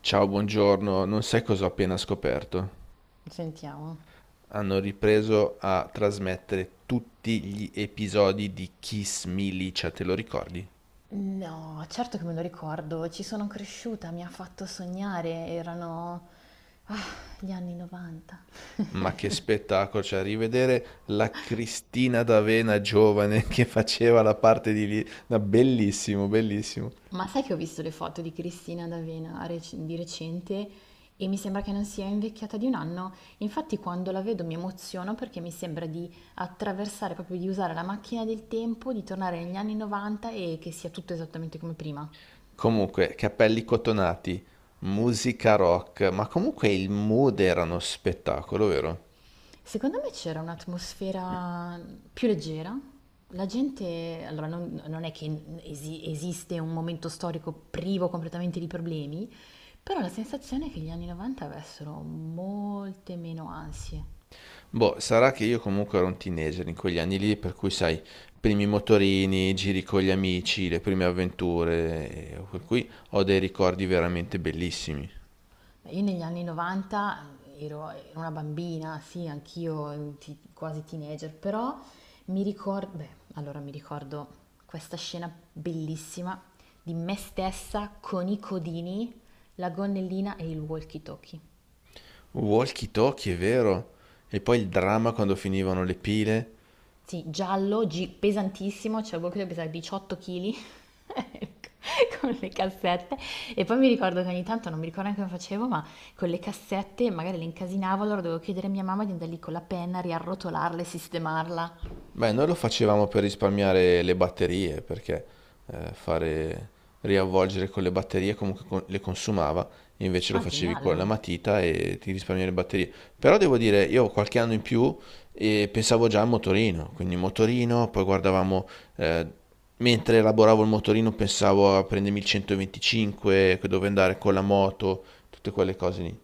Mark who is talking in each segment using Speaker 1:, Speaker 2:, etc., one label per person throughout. Speaker 1: Ciao, buongiorno. Non sai cosa ho appena scoperto?
Speaker 2: Sentiamo.
Speaker 1: Hanno ripreso a trasmettere tutti gli episodi di Kiss Milicia, te lo ricordi?
Speaker 2: No, certo che me lo ricordo, ci sono cresciuta, mi ha fatto sognare, erano ah, gli anni 90.
Speaker 1: Ma che spettacolo, cioè rivedere la Cristina D'Avena giovane che faceva la parte di lì, no, bellissimo, bellissimo.
Speaker 2: Ma sai che ho visto le foto di Cristina D'Avena di recente e mi sembra che non sia invecchiata di un anno. Infatti quando la vedo mi emoziono perché mi sembra di attraversare, proprio di usare la macchina del tempo, di tornare negli anni 90 e che sia tutto esattamente come prima.
Speaker 1: Comunque, capelli cotonati, musica rock, ma comunque il mood era uno spettacolo, vero?
Speaker 2: Secondo me c'era un'atmosfera più leggera. La gente, allora non è che esiste un momento storico privo completamente di problemi, però la sensazione è che gli anni 90 avessero molte meno ansie.
Speaker 1: Boh, sarà che io comunque ero un teenager in quegli anni lì, per cui sai, primi motorini, giri con gli amici, le prime avventure, e per cui ho dei ricordi veramente bellissimi.
Speaker 2: Io negli anni 90 ero una bambina, sì, anch'io ti quasi teenager, però mi ricor beh, allora mi ricordo questa scena bellissima di me stessa con i codini, la gonnellina e il walkie talkie.
Speaker 1: Walkie talkie, è vero? E poi il dramma quando finivano le pile.
Speaker 2: Sì, giallo, pesantissimo, cioè proprio pesava 18 kg con le cassette. E poi mi ricordo che ogni tanto, non mi ricordo neanche come facevo, ma con le cassette magari le incasinavo, allora dovevo chiedere a mia mamma di andare lì con la penna, riarrotolarla e sistemarla.
Speaker 1: Beh, noi lo facevamo per risparmiare le batterie, perché fare riavvolgere con le batterie comunque le consumava, invece lo
Speaker 2: Ah,
Speaker 1: facevi
Speaker 2: geniale,
Speaker 1: con la
Speaker 2: no?
Speaker 1: matita e ti risparmiavi le batterie. Però devo dire, io qualche anno in più pensavo già al motorino, quindi motorino, poi guardavamo, eh, mentre elaboravo il motorino pensavo a prendermi il 125, dove andare con la moto, tutte quelle cose lì.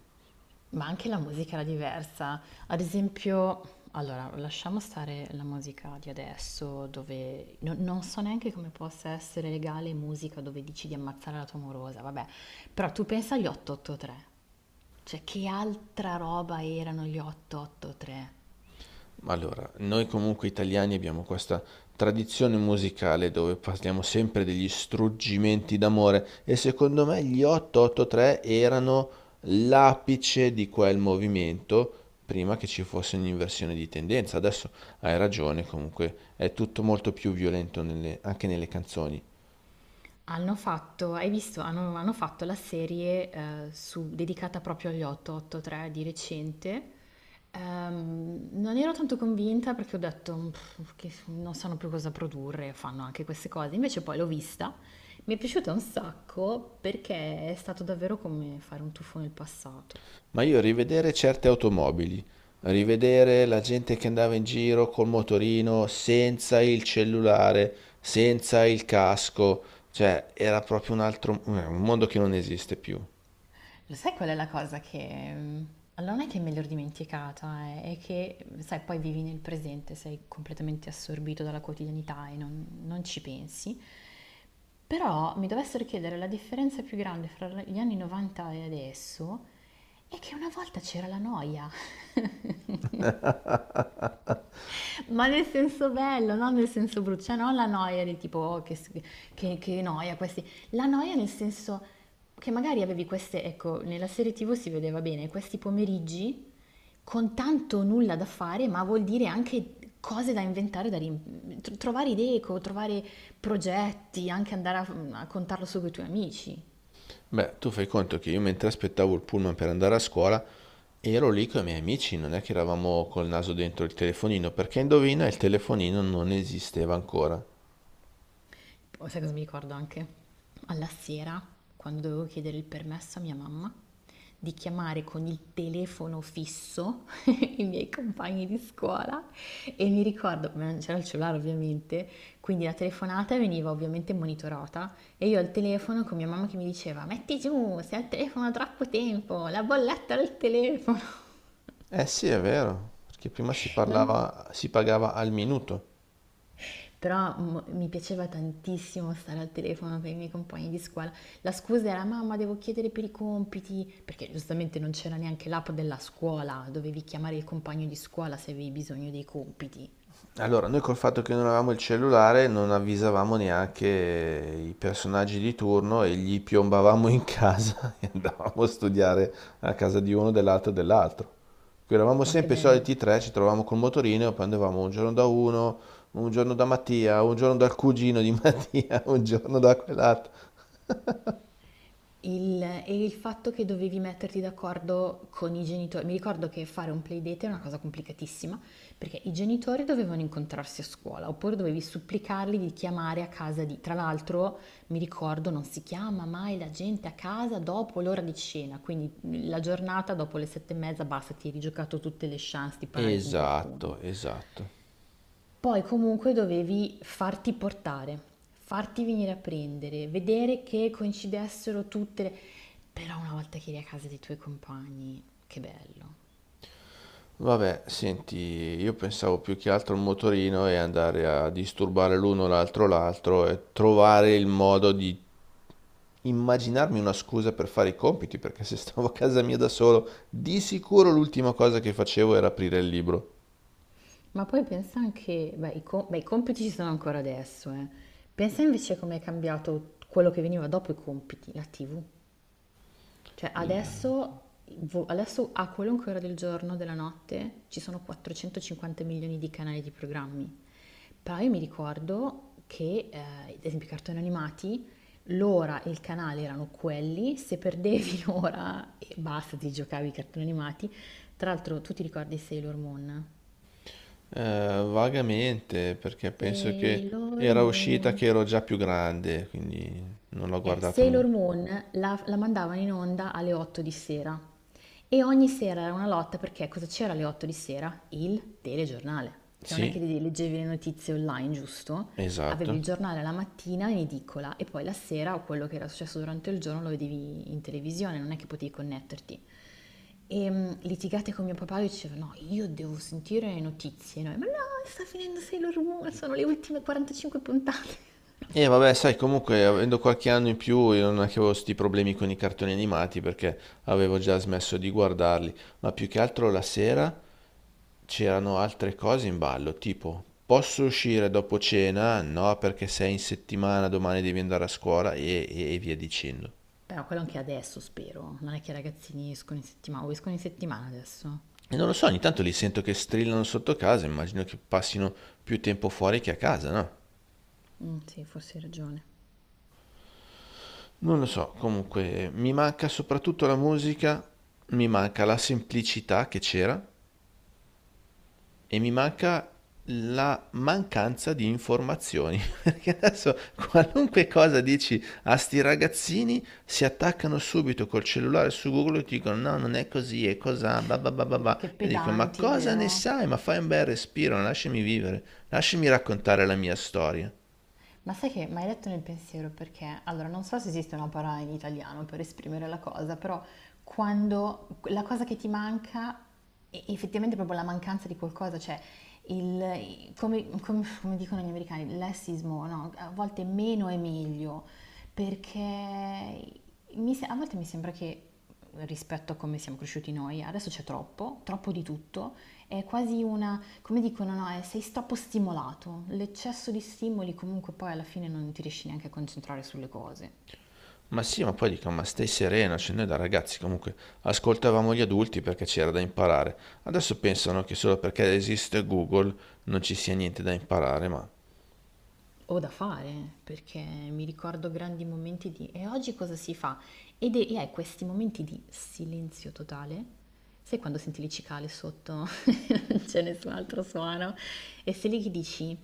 Speaker 2: Ma anche la musica era diversa. Ad esempio, allora, lasciamo stare la musica di adesso, dove non so neanche come possa essere legale musica dove dici di ammazzare la tua morosa, vabbè. Però tu pensa agli 883. Cioè, che altra roba erano gli 883?
Speaker 1: Allora, noi comunque italiani abbiamo questa tradizione musicale dove parliamo sempre degli struggimenti d'amore e secondo me gli 883 erano l'apice di quel movimento prima che ci fosse un'inversione di tendenza. Adesso hai ragione, comunque è tutto molto più violento anche nelle canzoni.
Speaker 2: Hanno fatto, hai visto, hanno fatto la serie dedicata proprio agli 883 di recente. Non ero tanto convinta perché ho detto "Pff, che non sanno più cosa produrre, fanno anche queste cose. Invece poi l'ho vista, mi è piaciuta un sacco perché è stato davvero come fare un tuffo nel passato.
Speaker 1: Ma io rivedere certe automobili, rivedere la gente che andava in giro col motorino, senza il cellulare, senza il casco, cioè era proprio un altro, un mondo che non esiste più.
Speaker 2: Lo sai qual è la cosa che... allora non è che me l'ero dimenticata, è che, sai, poi vivi nel presente, sei completamente assorbito dalla quotidianità e non ci pensi. Però mi dovessero chiedere la differenza più grande fra gli anni 90 e adesso è che una volta c'era la noia. Ma nel senso bello, non nel senso brutto, cioè non la noia del tipo "Oh, che, che noia questi, la noia nel senso che magari avevi queste, ecco, nella serie TV si vedeva bene, questi pomeriggi con tanto nulla da fare, ma vuol dire anche cose da inventare, da trovare idee, trovare progetti, anche andare a contarlo su con i tuoi amici.
Speaker 1: Beh, tu fai conto che io mentre aspettavo il pullman per andare a scuola, ero lì con i miei amici, non è che eravamo col naso dentro il telefonino, perché indovina, il telefonino non esisteva ancora.
Speaker 2: Oh, sai cosa mi ricordo anche? Alla sera, quando dovevo chiedere il permesso a mia mamma di chiamare con il telefono fisso i miei compagni di scuola e mi ricordo, ma non c'era il cellulare ovviamente, quindi la telefonata veniva ovviamente monitorata e io al telefono con mia mamma che mi diceva metti giù, sei al telefono da troppo tempo, la bolletta del telefono.
Speaker 1: Eh sì, è vero, perché prima si
Speaker 2: Non
Speaker 1: parlava, si pagava al minuto.
Speaker 2: Però mi piaceva tantissimo stare al telefono con i miei compagni di scuola. La scusa era mamma, devo chiedere per i compiti, perché giustamente non c'era neanche l'app della scuola, dovevi chiamare il compagno di scuola se avevi bisogno dei compiti.
Speaker 1: Allora, noi col fatto che non avevamo il cellulare non avvisavamo neanche i personaggi di turno e gli piombavamo in casa e andavamo a studiare a casa di uno, dell'altro e dell'altro. Qui eravamo
Speaker 2: Ma che
Speaker 1: sempre i
Speaker 2: bello.
Speaker 1: soliti tre, ci trovavamo col motorino e poi andavamo un giorno da uno, un giorno da Mattia, un giorno dal cugino di Mattia, un giorno da quell'altro.
Speaker 2: E il fatto che dovevi metterti d'accordo con i genitori, mi ricordo che fare un playdate è una cosa complicatissima, perché i genitori dovevano incontrarsi a scuola, oppure dovevi supplicarli di chiamare a casa di... Tra l'altro, mi ricordo, non si chiama mai la gente a casa dopo l'ora di cena, quindi la giornata dopo le 7:30 basta, ti eri giocato tutte le chance di parlare con qualcuno.
Speaker 1: Esatto, esatto.
Speaker 2: Poi comunque dovevi farti portare, farti venire a prendere, vedere che coincidessero tutte le... Però una volta che eri a casa dei tuoi compagni, che bello.
Speaker 1: Vabbè, senti, io pensavo più che altro al motorino e andare a disturbare l'uno l'altro l'altro e trovare il modo di immaginarmi una scusa per fare i compiti, perché se stavo a casa mia da solo, di sicuro l'ultima cosa che facevo era aprire il libro.
Speaker 2: Ma poi pensa anche, beh, i compiti ci sono ancora adesso, eh. Pensa invece come è cambiato quello che veniva dopo i compiti, la TV. Cioè
Speaker 1: Il-
Speaker 2: adesso, adesso a qualunque ora del giorno, della notte, ci sono 450 milioni di canali di programmi. Però io mi ricordo che, ad esempio, i cartoni animati, l'ora e il canale erano quelli, se perdevi l'ora e basta, ti giocavi i cartoni animati. Tra l'altro, tu ti ricordi Sailor Moon?
Speaker 1: Vagamente, perché penso che
Speaker 2: Sailor
Speaker 1: era uscita
Speaker 2: Moon.
Speaker 1: che ero già più grande, quindi non l'ho guardata
Speaker 2: Sailor
Speaker 1: molto.
Speaker 2: Moon la mandavano in onda alle 8 di sera. E ogni sera era una lotta perché cosa c'era alle 8 di sera? Il telegiornale, che non è che
Speaker 1: Sì,
Speaker 2: leggevi le notizie online, giusto? Avevi
Speaker 1: esatto.
Speaker 2: il giornale la mattina in edicola e poi la sera o quello che era successo durante il giorno lo vedevi in televisione, non è che potevi connetterti. E litigate con mio papà, lui diceva no, io devo sentire le notizie, noi, ma no, sta finendo Sailor Moon, sono le ultime 45 puntate.
Speaker 1: E vabbè, sai, comunque avendo qualche anno in più io non è che avevo sti problemi con i cartoni animati perché avevo già smesso di guardarli, ma più che altro la sera c'erano altre cose in ballo, tipo posso uscire dopo cena? No, perché sei in settimana, domani devi andare a scuola e via dicendo.
Speaker 2: Però quello anche adesso, spero. Non è che i ragazzini escono in settimana, o escono in settimana adesso?
Speaker 1: E non lo so, ogni tanto li sento che strillano sotto casa, immagino che passino più tempo fuori che a casa, no?
Speaker 2: Mm, sì, forse hai ragione.
Speaker 1: Non lo so, comunque mi manca soprattutto la musica, mi manca la semplicità che c'era, e mi manca la mancanza di informazioni. Perché adesso qualunque cosa dici a sti ragazzini si attaccano subito col cellulare su Google e ti dicono no, non è così, è cos'ha, ba ba ba ba ba.
Speaker 2: Che
Speaker 1: E dico ma
Speaker 2: pedanti,
Speaker 1: cosa ne
Speaker 2: vero?
Speaker 1: sai? Ma fai un bel respiro, lasciami vivere, lasciami raccontare la mia storia.
Speaker 2: Ma sai che mi hai letto nel pensiero perché, allora, non so se esiste una parola in italiano per esprimere la cosa, però quando la cosa che ti manca è effettivamente proprio la mancanza di qualcosa, cioè come dicono gli americani, lessismo, no? A volte meno è meglio, perché mi se- a volte mi sembra che rispetto a come siamo cresciuti noi, adesso c'è troppo, troppo di tutto. È quasi una, come dicono, no, sei troppo stimolato. L'eccesso di stimoli comunque poi alla fine non ti riesci neanche a concentrare sulle cose.
Speaker 1: Ma sì, ma poi dico, ma stai sereno, cioè noi da ragazzi comunque ascoltavamo gli adulti perché c'era da imparare. Adesso pensano che solo perché esiste Google non ci sia niente da imparare, ma...
Speaker 2: Ho da fare, perché mi ricordo grandi momenti di e oggi cosa si fa? Ed è, e hai questi momenti di silenzio totale. Sai quando senti le cicale sotto, non c'è nessun altro suono, e sei lì che dici,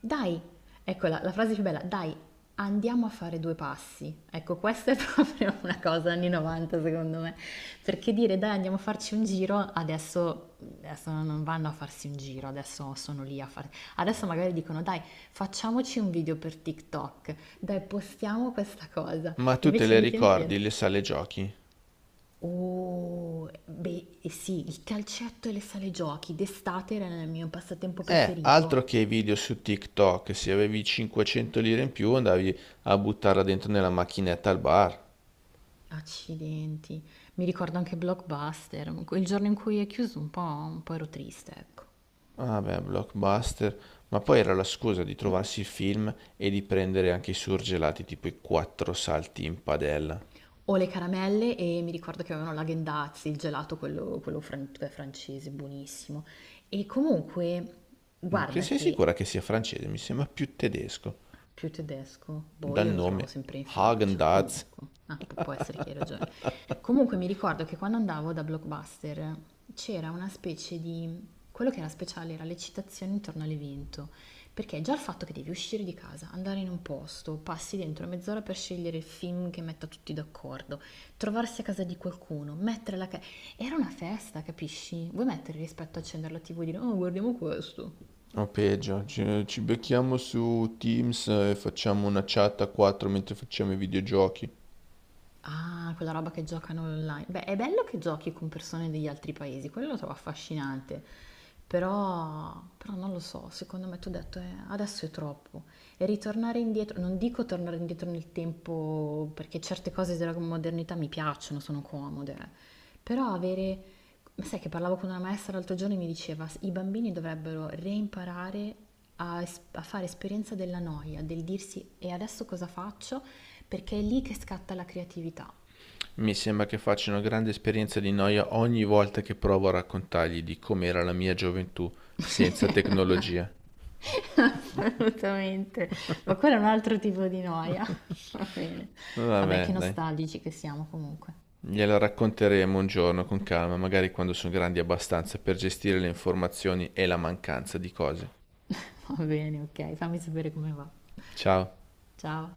Speaker 2: dai, ecco la frase più bella, dai, andiamo a fare due passi. Ecco, questa è proprio una cosa anni 90 secondo me, perché dire dai andiamo a farci un giro, adesso non vanno a farsi un giro, adesso sono lì a fare, adesso magari dicono dai Facciamoci un video per TikTok, dai, postiamo questa cosa.
Speaker 1: Ma tu te
Speaker 2: Invece i
Speaker 1: le
Speaker 2: miei tempi era...
Speaker 1: ricordi le sale giochi?
Speaker 2: Oh, beh, eh sì, il calcetto e le sale giochi d'estate era il mio passatempo
Speaker 1: Altro
Speaker 2: preferito.
Speaker 1: che i video su TikTok, se avevi 500 lire in più andavi a buttarla dentro nella macchinetta al bar.
Speaker 2: Accidenti, mi ricordo anche Blockbuster, il giorno in cui è chiuso un po' ero triste, ecco.
Speaker 1: Vabbè, blockbuster, ma poi era la scusa di trovarsi il film e di prendere anche i surgelati tipo i quattro salti in padella.
Speaker 2: Ho le caramelle e mi ricordo che avevano la Gendazzi, il gelato, quello cioè francese, buonissimo. E comunque,
Speaker 1: Mm, cioè,
Speaker 2: guarda
Speaker 1: sei
Speaker 2: che
Speaker 1: sicura che sia francese? Mi sembra più tedesco,
Speaker 2: Più tedesco? Boh,
Speaker 1: dal
Speaker 2: io lo trovavo
Speaker 1: nome
Speaker 2: sempre in Francia.
Speaker 1: Häagen-Dazs.
Speaker 2: Comunque, ah, può essere che hai ragione. Comunque mi ricordo che quando andavo da Blockbuster c'era una specie di... Quello che era speciale era l'eccitazione intorno all'evento, perché già il fatto che devi uscire di casa, andare in un posto, passi dentro mezz'ora per scegliere il film che metta tutti d'accordo, trovarsi a casa di qualcuno, mettere la... Era una festa, capisci? Vuoi mettere rispetto a accendere la TV e dire, oh, guardiamo questo.
Speaker 1: O peggio, ci, ci becchiamo su Teams e facciamo una chat a quattro mentre facciamo i videogiochi.
Speaker 2: Ah, quella roba che giocano online. Beh, è bello che giochi con persone degli altri paesi, quello lo trovo affascinante. Però non lo so, secondo me tu hai detto, adesso è troppo. E ritornare indietro, non dico tornare indietro nel tempo, perché certe cose della modernità mi piacciono, sono comode, eh. Però avere, ma sai che parlavo con una maestra l'altro giorno e mi diceva, i bambini dovrebbero reimparare a fare esperienza della noia, del dirsi e adesso cosa faccio? Perché è lì che scatta la creatività.
Speaker 1: Mi sembra che faccia una grande esperienza di noia ogni volta che provo a raccontargli di com'era la mia gioventù senza tecnologia.
Speaker 2: Assolutamente, ma quello è un altro tipo di noia. Va bene. Vabbè,
Speaker 1: Vabbè,
Speaker 2: che
Speaker 1: dai.
Speaker 2: nostalgici che siamo comunque.
Speaker 1: Gliela racconteremo un giorno con calma, magari quando sono grandi abbastanza per gestire le informazioni e la mancanza di cose.
Speaker 2: Va bene, ok, fammi sapere come va.
Speaker 1: Ciao.
Speaker 2: Ciao.